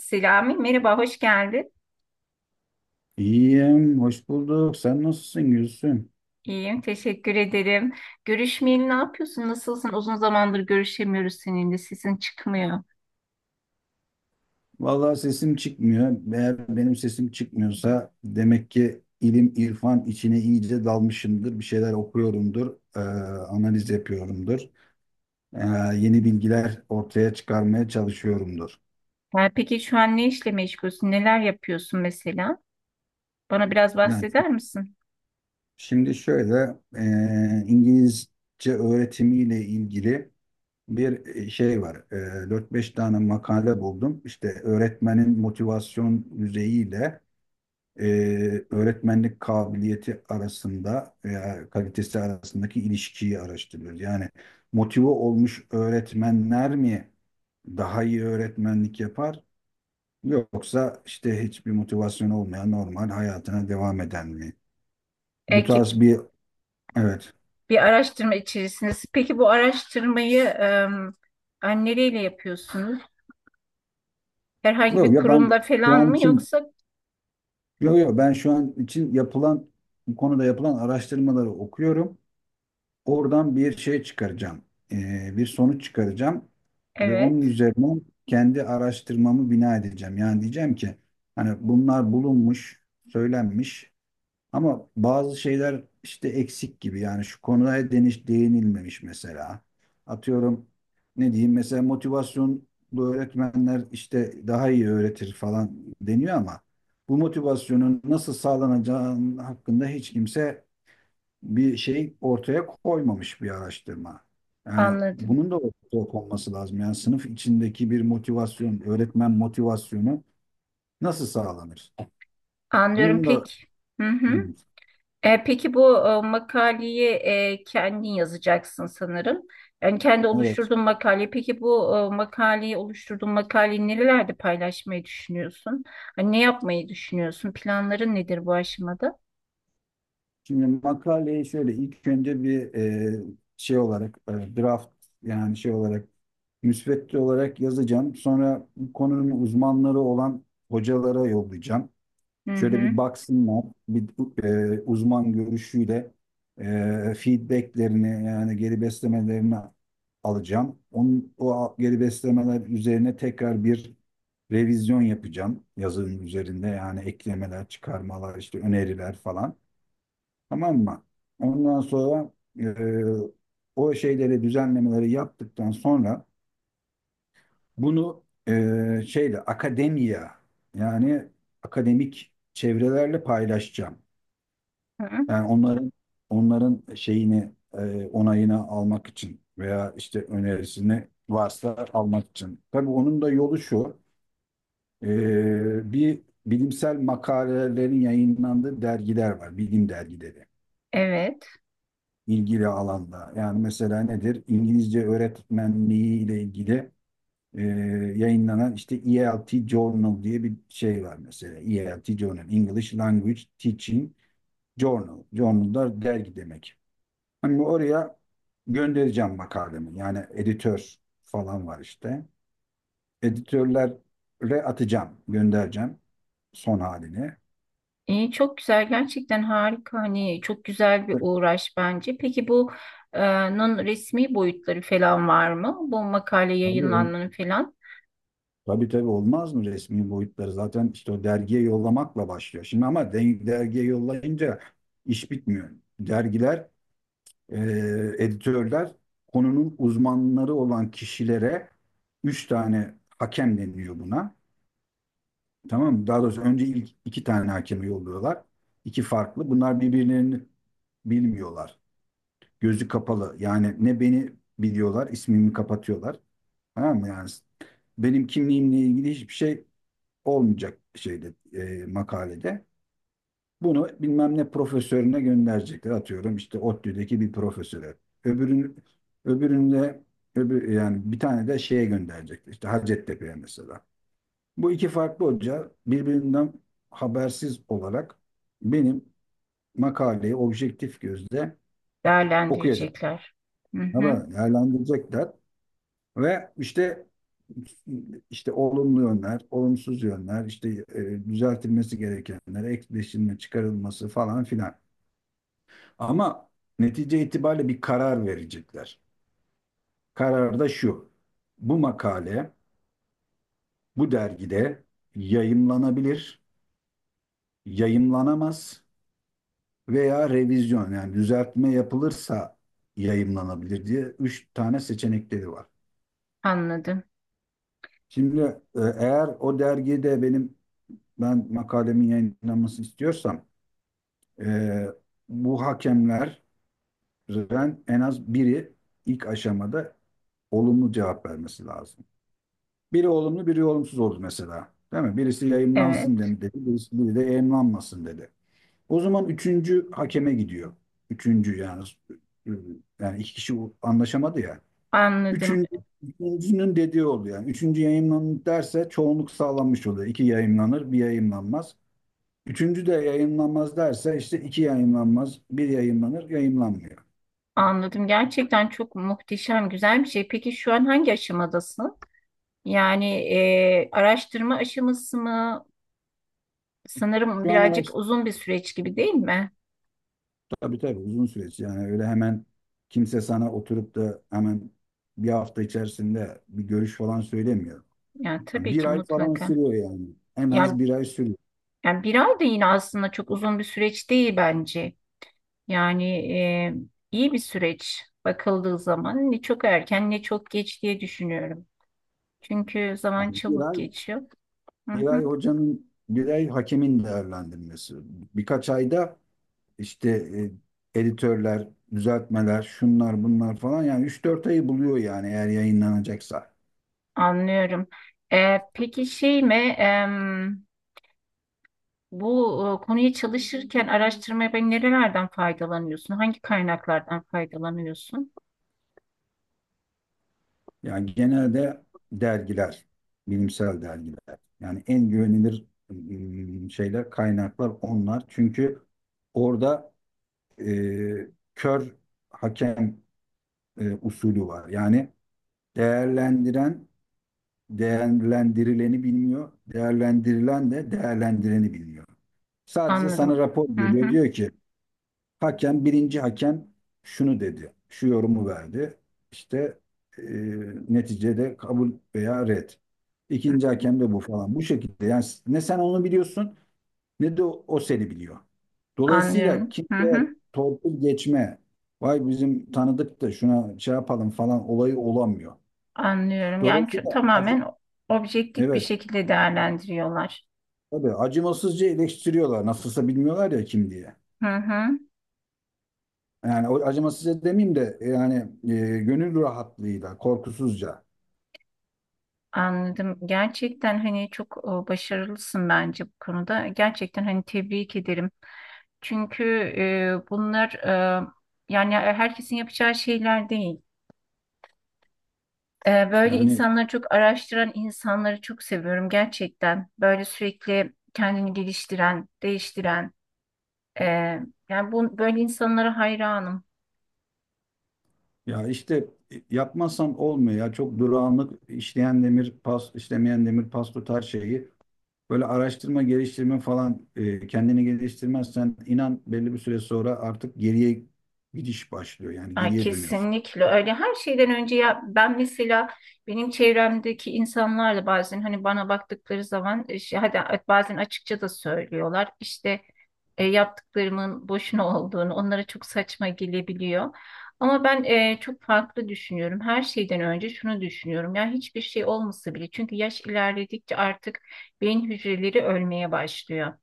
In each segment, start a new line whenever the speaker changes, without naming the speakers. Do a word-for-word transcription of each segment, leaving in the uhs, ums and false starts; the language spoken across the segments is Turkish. Selami, merhaba, hoş geldin.
İyiyim, hoş bulduk. Sen nasılsın Gülsüm?
İyiyim, teşekkür ederim. Görüşmeyeli ne yapıyorsun, nasılsın? Uzun zamandır görüşemiyoruz seninle, sesin çıkmıyor.
Vallahi sesim çıkmıyor. Eğer benim sesim çıkmıyorsa demek ki ilim, irfan içine iyice dalmışımdır. Bir şeyler okuyorumdur, eee, analiz yapıyorumdur. Eee, yeni bilgiler ortaya çıkarmaya çalışıyorumdur.
Yani peki şu an ne işle meşgulsün, neler yapıyorsun mesela? Bana biraz
Yani
bahseder misin?
şimdi şöyle, eee, İngilizce öğretimiyle ilgili bir şey var. Eee dört beş tane makale buldum. İşte öğretmenin motivasyon düzeyiyle e, öğretmenlik kabiliyeti arasında veya kalitesi arasındaki ilişkiyi araştırıyoruz. Yani motive olmuş öğretmenler mi daha iyi öğretmenlik yapar, yoksa işte hiçbir motivasyon olmayan, normal hayatına devam eden mi? Bu
Ekip
tarz bir, evet.
bir araştırma içerisindesin. Peki bu araştırmayı em, hani nereyle yapıyorsunuz? Herhangi
Yok
bir
ya, ben
kurumla
şu
falan
an
mı
için,
yoksa?
yok yok, ben şu an için yapılan, bu konuda yapılan araştırmaları okuyorum. Oradan bir şey çıkaracağım. Ee, bir sonuç çıkaracağım ve onun
Evet,
üzerine kendi araştırmamı bina edeceğim. Yani diyeceğim ki hani bunlar bulunmuş, söylenmiş, ama bazı şeyler işte eksik gibi. Yani şu konuya deniş değinilmemiş mesela. Atıyorum, ne diyeyim, mesela motivasyonlu öğretmenler işte daha iyi öğretir falan deniyor ama bu motivasyonun nasıl sağlanacağı hakkında hiç kimse bir şey ortaya koymamış bir araştırma. Yani
anladım.
bunun da ortaya konması lazım. Yani sınıf içindeki bir motivasyon, öğretmen motivasyonu nasıl sağlanır?
Anlıyorum
Bunun da
peki. Hı hı.
Hmm,
E, peki bu e, makaleyi e, kendin yazacaksın sanırım. Yani kendi
evet.
oluşturduğun makale. Peki bu e, makaleyi oluşturduğun makaleyi nerelerde paylaşmayı düşünüyorsun? Hani ne yapmayı düşünüyorsun? Planların nedir bu aşamada?
Şimdi makaleyi şöyle ilk önce bir e, şey olarak, e, draft, yani şey olarak, müsvedde olarak yazacağım. Sonra bu konunun uzmanları olan hocalara yollayacağım.
Hı
Şöyle
hı.
bir baksınlar, bir e, uzman görüşüyle e, feedbacklerini, yani geri beslemelerini alacağım. Onun, o geri beslemeler üzerine tekrar bir revizyon yapacağım yazının üzerinde, yani eklemeler, çıkarmalar, işte öneriler falan. Tamam mı? Ondan sonra e, o şeyleri, düzenlemeleri yaptıktan sonra bunu e, şeyle akademiya, yani akademik çevrelerle paylaşacağım.
Hı.
Yani onların, onların şeyini, e, onayını almak için veya işte önerisini varsa almak için. Tabii onun da yolu şu. E, bir bilimsel makalelerin yayınlandığı dergiler var. Bilim dergileri.
Evet.
İlgili alanda. Yani mesela nedir? İngilizce öğretmenliği ile ilgili e, yayınlanan işte E L T Journal diye bir şey var mesela. E L T Journal. English Language Teaching Journal. Journal da dergi demek. Hani oraya göndereceğim makalemi. Yani editör falan var işte. Editörlere atacağım, göndereceğim son halini.
İyi, çok güzel. Gerçekten harika. Hani çok güzel bir uğraş bence. Peki bu e, nun resmi boyutları falan var mı? Bu makale
Tabii, ol-
yayınlanmanı falan
tabii tabii, olmaz mı resmi boyutları? Zaten işte o dergiye yollamakla başlıyor. Şimdi ama de- dergiye yollayınca iş bitmiyor. Dergiler, e, editörler konunun uzmanları olan kişilere, üç tane hakem deniyor buna. Tamam mı? Daha doğrusu önce ilk iki tane hakemi yolluyorlar. İki farklı. Bunlar birbirlerini bilmiyorlar. Gözü kapalı. Yani ne beni biliyorlar, ismimi kapatıyorlar. Tamam mı? Yani benim kimliğimle ilgili hiçbir şey olmayacak şeyde, e, makalede. Bunu bilmem ne profesörüne gönderecekler. Atıyorum işte ODTÜ'deki bir profesöre. Öbürün, öbüründe öbür, yani bir tane de şeye gönderecekler. İşte Hacettepe'ye mesela. Bu iki farklı hoca birbirinden habersiz olarak benim makaleyi objektif gözle okuyacak.
değerlendirecekler. Hı hı.
Ama değerlendirecekler ve işte işte olumlu yönler, olumsuz yönler, işte e, düzeltilmesi gerekenler, ekleşilme, çıkarılması falan filan. Ama netice itibariyle bir karar verecekler. Karar da şu. Bu makale bu dergide yayımlanabilir, yayımlanamaz veya revizyon, yani düzeltme yapılırsa yayımlanabilir diye üç tane seçenekleri var.
Anladım.
Şimdi e, eğer o dergide benim, ben makalemin yayınlanmasını istiyorsam, e, bu hakemlerden en az biri ilk aşamada olumlu cevap vermesi lazım. Biri olumlu, biri olumsuz oldu mesela. Değil mi? Birisi yayımlansın
Evet.
dem- dedi, birisi, biri de yayımlanmasın dedi. O zaman üçüncü hakeme gidiyor. Üçüncü, yani, yani iki kişi anlaşamadı ya.
Anladım,
Üçüncü, üçüncünün dediği oluyor. Yani üçüncü yayınlanır derse çoğunluk sağlanmış oluyor. İki yayınlanır, bir yayınlanmaz. Üçüncü de yayınlanmaz derse işte iki yayınlanmaz, bir yayınlanır, yayınlanmıyor.
anladım. Gerçekten çok muhteşem, güzel bir şey. Peki şu an hangi aşamadasın? Yani e, araştırma aşaması mı? Sanırım
Şu an
birazcık
araç
uzun bir süreç gibi değil mi?
tabii tabii uzun süreç. Yani öyle hemen kimse sana oturup da hemen bir hafta içerisinde bir görüş falan söylemiyor.
Yani
Yani
tabii
bir
ki
ay falan
mutlaka.
sürüyor yani. En
Yani,
az bir ay sürüyor.
yani bir ay da yine aslında çok uzun bir süreç değil bence. Yani e, iyi bir süreç bakıldığı zaman ne çok erken ne çok geç diye düşünüyorum. Çünkü zaman
Yani bir
çabuk
ay,
geçiyor. Hı hı,
bir ay hocanın, bir ay hakemin değerlendirmesi. Birkaç ayda işte e, editörler, düzeltmeler, şunlar bunlar falan, yani üç dört ayı buluyor yani eğer yayınlanacaksa.
anlıyorum. E, peki şey mi? em, Bu e, konuyu çalışırken, araştırmaya ben nerelerden faydalanıyorsun? Hangi kaynaklardan faydalanıyorsun?
Yani genelde dergiler, bilimsel dergiler. Yani en güvenilir mm, şeyler, kaynaklar onlar. Çünkü orada e, kör hakem e, usulü var. Yani değerlendiren değerlendirileni bilmiyor. Değerlendirilen de değerlendireni bilmiyor. Sadece sana
Anladım.
rapor
Hı hı.
veriyor. Diyor ki hakem, birinci hakem şunu dedi. Şu yorumu verdi. İşte e, neticede kabul veya red.
Hı
İkinci
hı.
hakem de bu falan. Bu şekilde, yani ne sen onu biliyorsun, ne de o, o seni biliyor. Dolayısıyla
Anlıyorum. Hı hı.
kimseye torpil geçme, vay bizim tanıdık da şuna şey yapalım falan olayı olamıyor.
Anlıyorum. Yani ço-
Dolayısıyla az-
tamamen objektif bir
evet,
şekilde değerlendiriyorlar.
tabii acımasızca eleştiriyorlar. Nasılsa bilmiyorlar ya kim diye.
Hı hı.
Yani o acımasızca demeyeyim de, yani e, gönül rahatlığıyla, korkusuzca.
Anladım. Gerçekten hani çok e, başarılısın bence bu konuda. Gerçekten hani tebrik ederim. Çünkü e, bunlar e, yani e, herkesin yapacağı şeyler değil. E, böyle
Yani,
insanları çok araştıran insanları çok seviyorum gerçekten. Böyle sürekli kendini geliştiren, değiştiren. e, Yani bu, böyle insanlara hayranım.
ya işte e, yapmazsam olmuyor ya. Çok durağanlık, işleyen demir pas, işlemeyen demir pas tutar şeyi. Böyle araştırma, geliştirme falan, e, kendini geliştirmezsen inan belli bir süre sonra artık geriye gidiş başlıyor. Yani
Ay,
geriye dönüyorsun.
kesinlikle öyle. Her şeyden önce ya ben mesela benim çevremdeki insanlarla bazen hani bana baktıkları zaman e, şey, hadi bazen açıkça da söylüyorlar. İşte e, yaptıklarımın boşuna olduğunu onlara çok saçma gelebiliyor. Ama ben e, çok farklı düşünüyorum. Her şeyden önce şunu düşünüyorum. Ya hiçbir şey olmasa bile çünkü yaş ilerledikçe artık beyin hücreleri ölmeye başlıyor.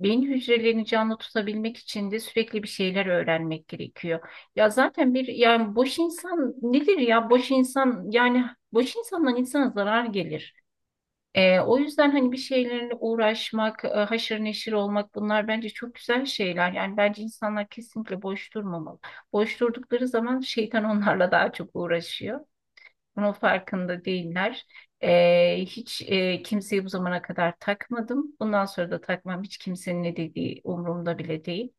Beyin hücrelerini canlı tutabilmek için de sürekli bir şeyler öğrenmek gerekiyor. Ya zaten bir yani boş insan nedir ya boş insan yani boş insandan insana zarar gelir. Ee, o yüzden hani bir şeylerle uğraşmak, e, haşır neşir olmak bunlar bence çok güzel şeyler. Yani bence insanlar kesinlikle boş durmamalı. Boş durdukları zaman şeytan onlarla daha çok uğraşıyor. Bunun farkında değiller. Ee, hiç e, kimseyi bu zamana kadar takmadım. Bundan sonra da takmam. Hiç kimsenin ne dediği umurumda bile değil.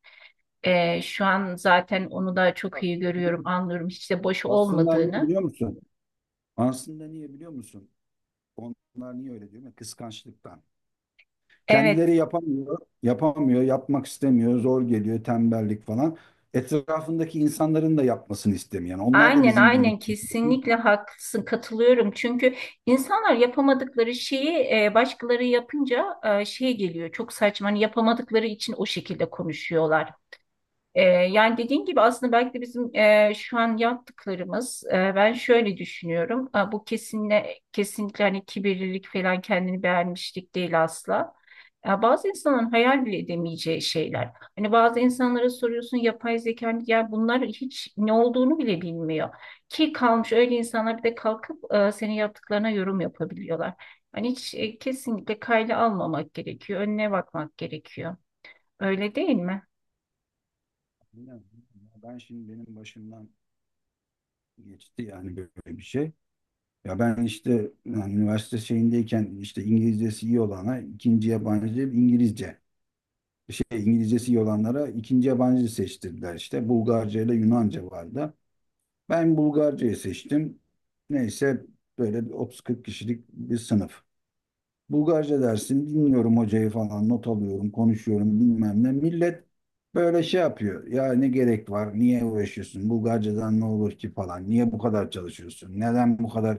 Ee, şu an zaten onu da çok iyi görüyorum, anlıyorum hiç de boş
Aslında niye
olmadığını.
biliyor musun? Aslında niye biliyor musun? Onlar niye öyle diyor? Kıskançlıktan.
Evet,
Kendileri yapamıyor, yapamıyor, yapmak istemiyor, zor geliyor, tembellik falan. Etrafındaki insanların da yapmasını istemiyor. Yani onlar da
aynen
bizim gibi.
aynen kesinlikle haklısın, katılıyorum. Çünkü insanlar yapamadıkları şeyi e, başkaları yapınca e, şey geliyor, çok saçma. Hani yapamadıkları için o şekilde konuşuyorlar. Ee, yani dediğin gibi aslında belki de bizim e, şu an yaptıklarımız e, ben şöyle düşünüyorum. Ha, bu kesinle kesinlikle hani kibirlilik falan kendini beğenmişlik değil asla. Ya bazı insanların hayal bile edemeyeceği şeyler. Hani bazı insanlara soruyorsun yapay zeka hani ya bunlar hiç ne olduğunu bile bilmiyor. Ki kalmış öyle insanlar bir de kalkıp e, senin yaptıklarına yorum yapabiliyorlar. Hani hiç e, kesinlikle kayda almamak gerekiyor. Önüne bakmak gerekiyor. Öyle değil mi?
Ya, ben şimdi benim başımdan geçti yani böyle bir şey. Ya ben işte yani üniversite şeyindeyken işte İngilizcesi iyi olana ikinci yabancı İngilizce. Şey, İngilizcesi iyi olanlara ikinci yabancı seçtirdiler işte. Bulgarca ile Yunanca vardı. Ben Bulgarca'yı seçtim. Neyse, böyle bir otuz kırk kişilik bir sınıf. Bulgarca dersini dinliyorum, hocayı falan not alıyorum, konuşuyorum bilmem ne. Millet böyle şey yapıyor. Ya ne gerek var? Niye uğraşıyorsun? Bulgarcadan ne olur ki falan. Niye bu kadar çalışıyorsun? Neden bu kadar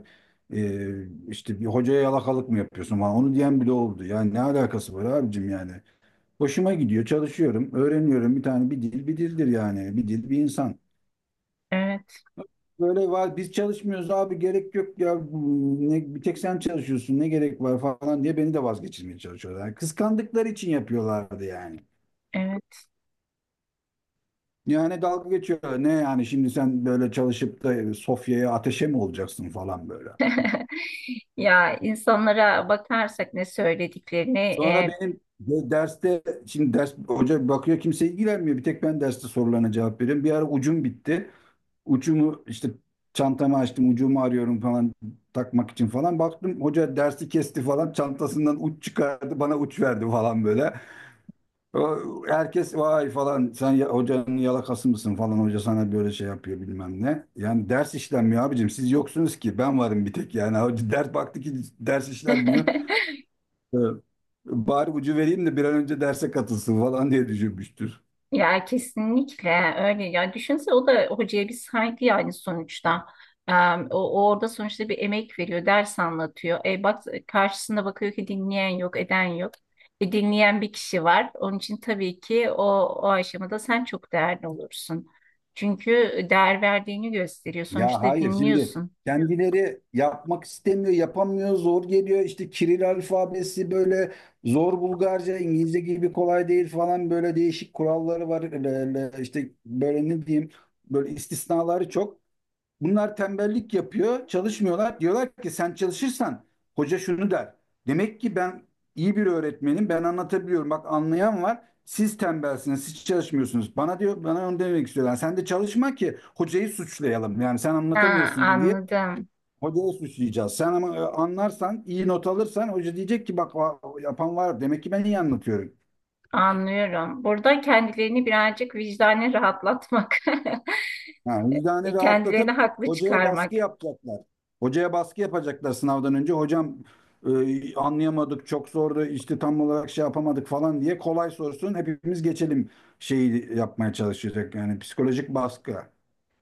e, işte bir hocaya yalakalık mı yapıyorsun falan. Onu diyen bile oldu. Yani ne alakası var abicim yani. Hoşuma gidiyor, çalışıyorum, öğreniyorum. Bir tane, bir dil bir dildir yani. Bir dil bir insan.
Evet,
Böyle var biz çalışmıyoruz abi, gerek yok ya, ne, bir tek sen çalışıyorsun, ne gerek var falan diye beni de vazgeçirmeye çalışıyorlar. Yani kıskandıkları için yapıyorlardı yani.
evet.
Yani dalga geçiyorlar, ne yani, şimdi sen böyle çalışıp da Sofya'ya ateşe mi olacaksın falan böyle.
Ya insanlara bakarsak ne söylediklerini
Sonra
e,
benim de- derste, şimdi ders, hoca bakıyor kimse ilgilenmiyor, bir tek ben derste sorularına cevap veriyorum. Bir ara ucum bitti. Ucumu işte, çantamı açtım, ucumu arıyorum falan takmak için falan, baktım hoca dersi kesti falan, çantasından uç çıkardı, bana uç verdi falan böyle. O- Herkes vay falan, sen ya- hocanın yalakası mısın falan, hoca sana böyle şey yapıyor bilmem ne. Yani ders işlenmiyor abicim, siz yoksunuz ki, ben varım bir tek, yani hoca ders baktı ki ders işlenmiyor. Ee, Bari ucu vereyim de bir an önce derse katılsın falan diye düşünmüştür.
Ya kesinlikle öyle, ya düşünse o da hocaya bir saygı yani sonuçta. E, o, o orada sonuçta bir emek veriyor, ders anlatıyor. E, bak karşısında bakıyor ki dinleyen yok eden yok, e, dinleyen bir kişi var onun için tabii ki o, o aşamada sen çok değerli olursun. Çünkü değer verdiğini gösteriyor.
Ya
Sonuçta
hayır, şimdi
dinliyorsun.
kendileri yapmak istemiyor, yapamıyor, zor geliyor. İşte Kiril alfabesi böyle zor, Bulgarca, İngilizce gibi kolay değil falan, böyle değişik kuralları var. Le- le- İşte böyle ne diyeyim, böyle istisnaları çok. Bunlar tembellik yapıyor, çalışmıyorlar. Diyorlar ki sen çalışırsan hoca şunu der. Demek ki ben iyi bir öğretmenim, ben anlatabiliyorum. Bak anlayan var. Siz tembelsiniz, siz çalışmıyorsunuz. Bana diyor, bana onu demek istiyorlar. Sen de çalışma ki hocayı suçlayalım. Yani sen
Ha,
anlatamıyorsun diye
anladım.
hocayı suçlayacağız. Sen ama e, anlarsan, iyi not alırsan hoca diyecek ki bak, va- yapan var. Demek ki ben iyi anlatıyorum.
Anlıyorum. Burada kendilerini birazcık vicdanen rahatlatmak,
Ha, vicdanı
e, kendilerini
rahatlatıp
haklı
hocaya
çıkarmak.
baskı yapacaklar. Hocaya baskı yapacaklar sınavdan önce. Hocam e, anlayamadık, çok zordu, işte tam olarak şey yapamadık falan diye kolay sorsun. Hepimiz geçelim, şeyi yapmaya çalışacak. Yani psikolojik baskı.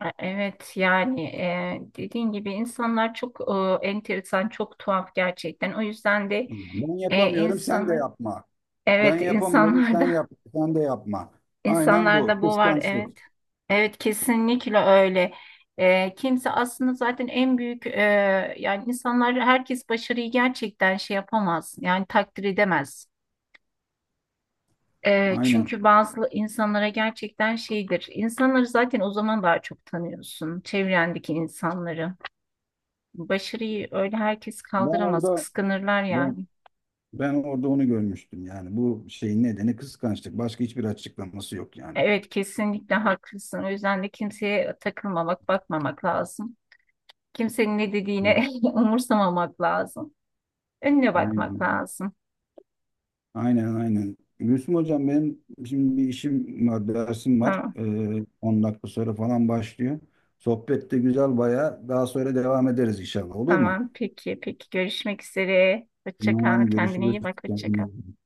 E- Evet yani e, dediğin gibi insanlar çok e, enteresan, çok tuhaf gerçekten. O yüzden de
Ben
e,
yapamıyorum, sen de
insanı
yapma. Ben
evet
yapamıyorum, sen
insanlarda
yap, sen de yapma. Aynen bu.
insanlarda bu var,
Kıskançlık.
evet. Evet kesinlikle öyle. E, kimse aslında zaten en büyük e, yani insanlar herkes başarıyı gerçekten şey yapamaz. Yani takdir edemez. E,
Aynen.
çünkü bazı insanlara gerçekten şeydir. İnsanları zaten o zaman daha çok tanıyorsun. Çevrendeki insanları. Başarıyı öyle herkes
Ben
kaldıramaz,
orada
kıskanırlar
ben
yani.
ben orada onu görmüştüm yani. Bu şeyin nedeni kıskançlık. Başka hiçbir açıklaması yok yani.
Evet, kesinlikle haklısın. O yüzden de kimseye takılmamak, bakmamak lazım. Kimsenin ne dediğine umursamamak lazım. Önüne bakmak
Aynen.
lazım.
Aynen aynen. Gülsüm hocam, benim şimdi bir işim var, dersim var.
Tamam,
Ee, on dakika sonra falan başlıyor. Sohbet de güzel bayağı. Daha sonra devam ederiz inşallah. Olur mu?
tamam. Peki, peki. Görüşmek üzere. Hoşça kal.
Tamam,
Kendine
görüşürüz.
iyi bak. Hoşça kal.
Kendinize iyi bakın.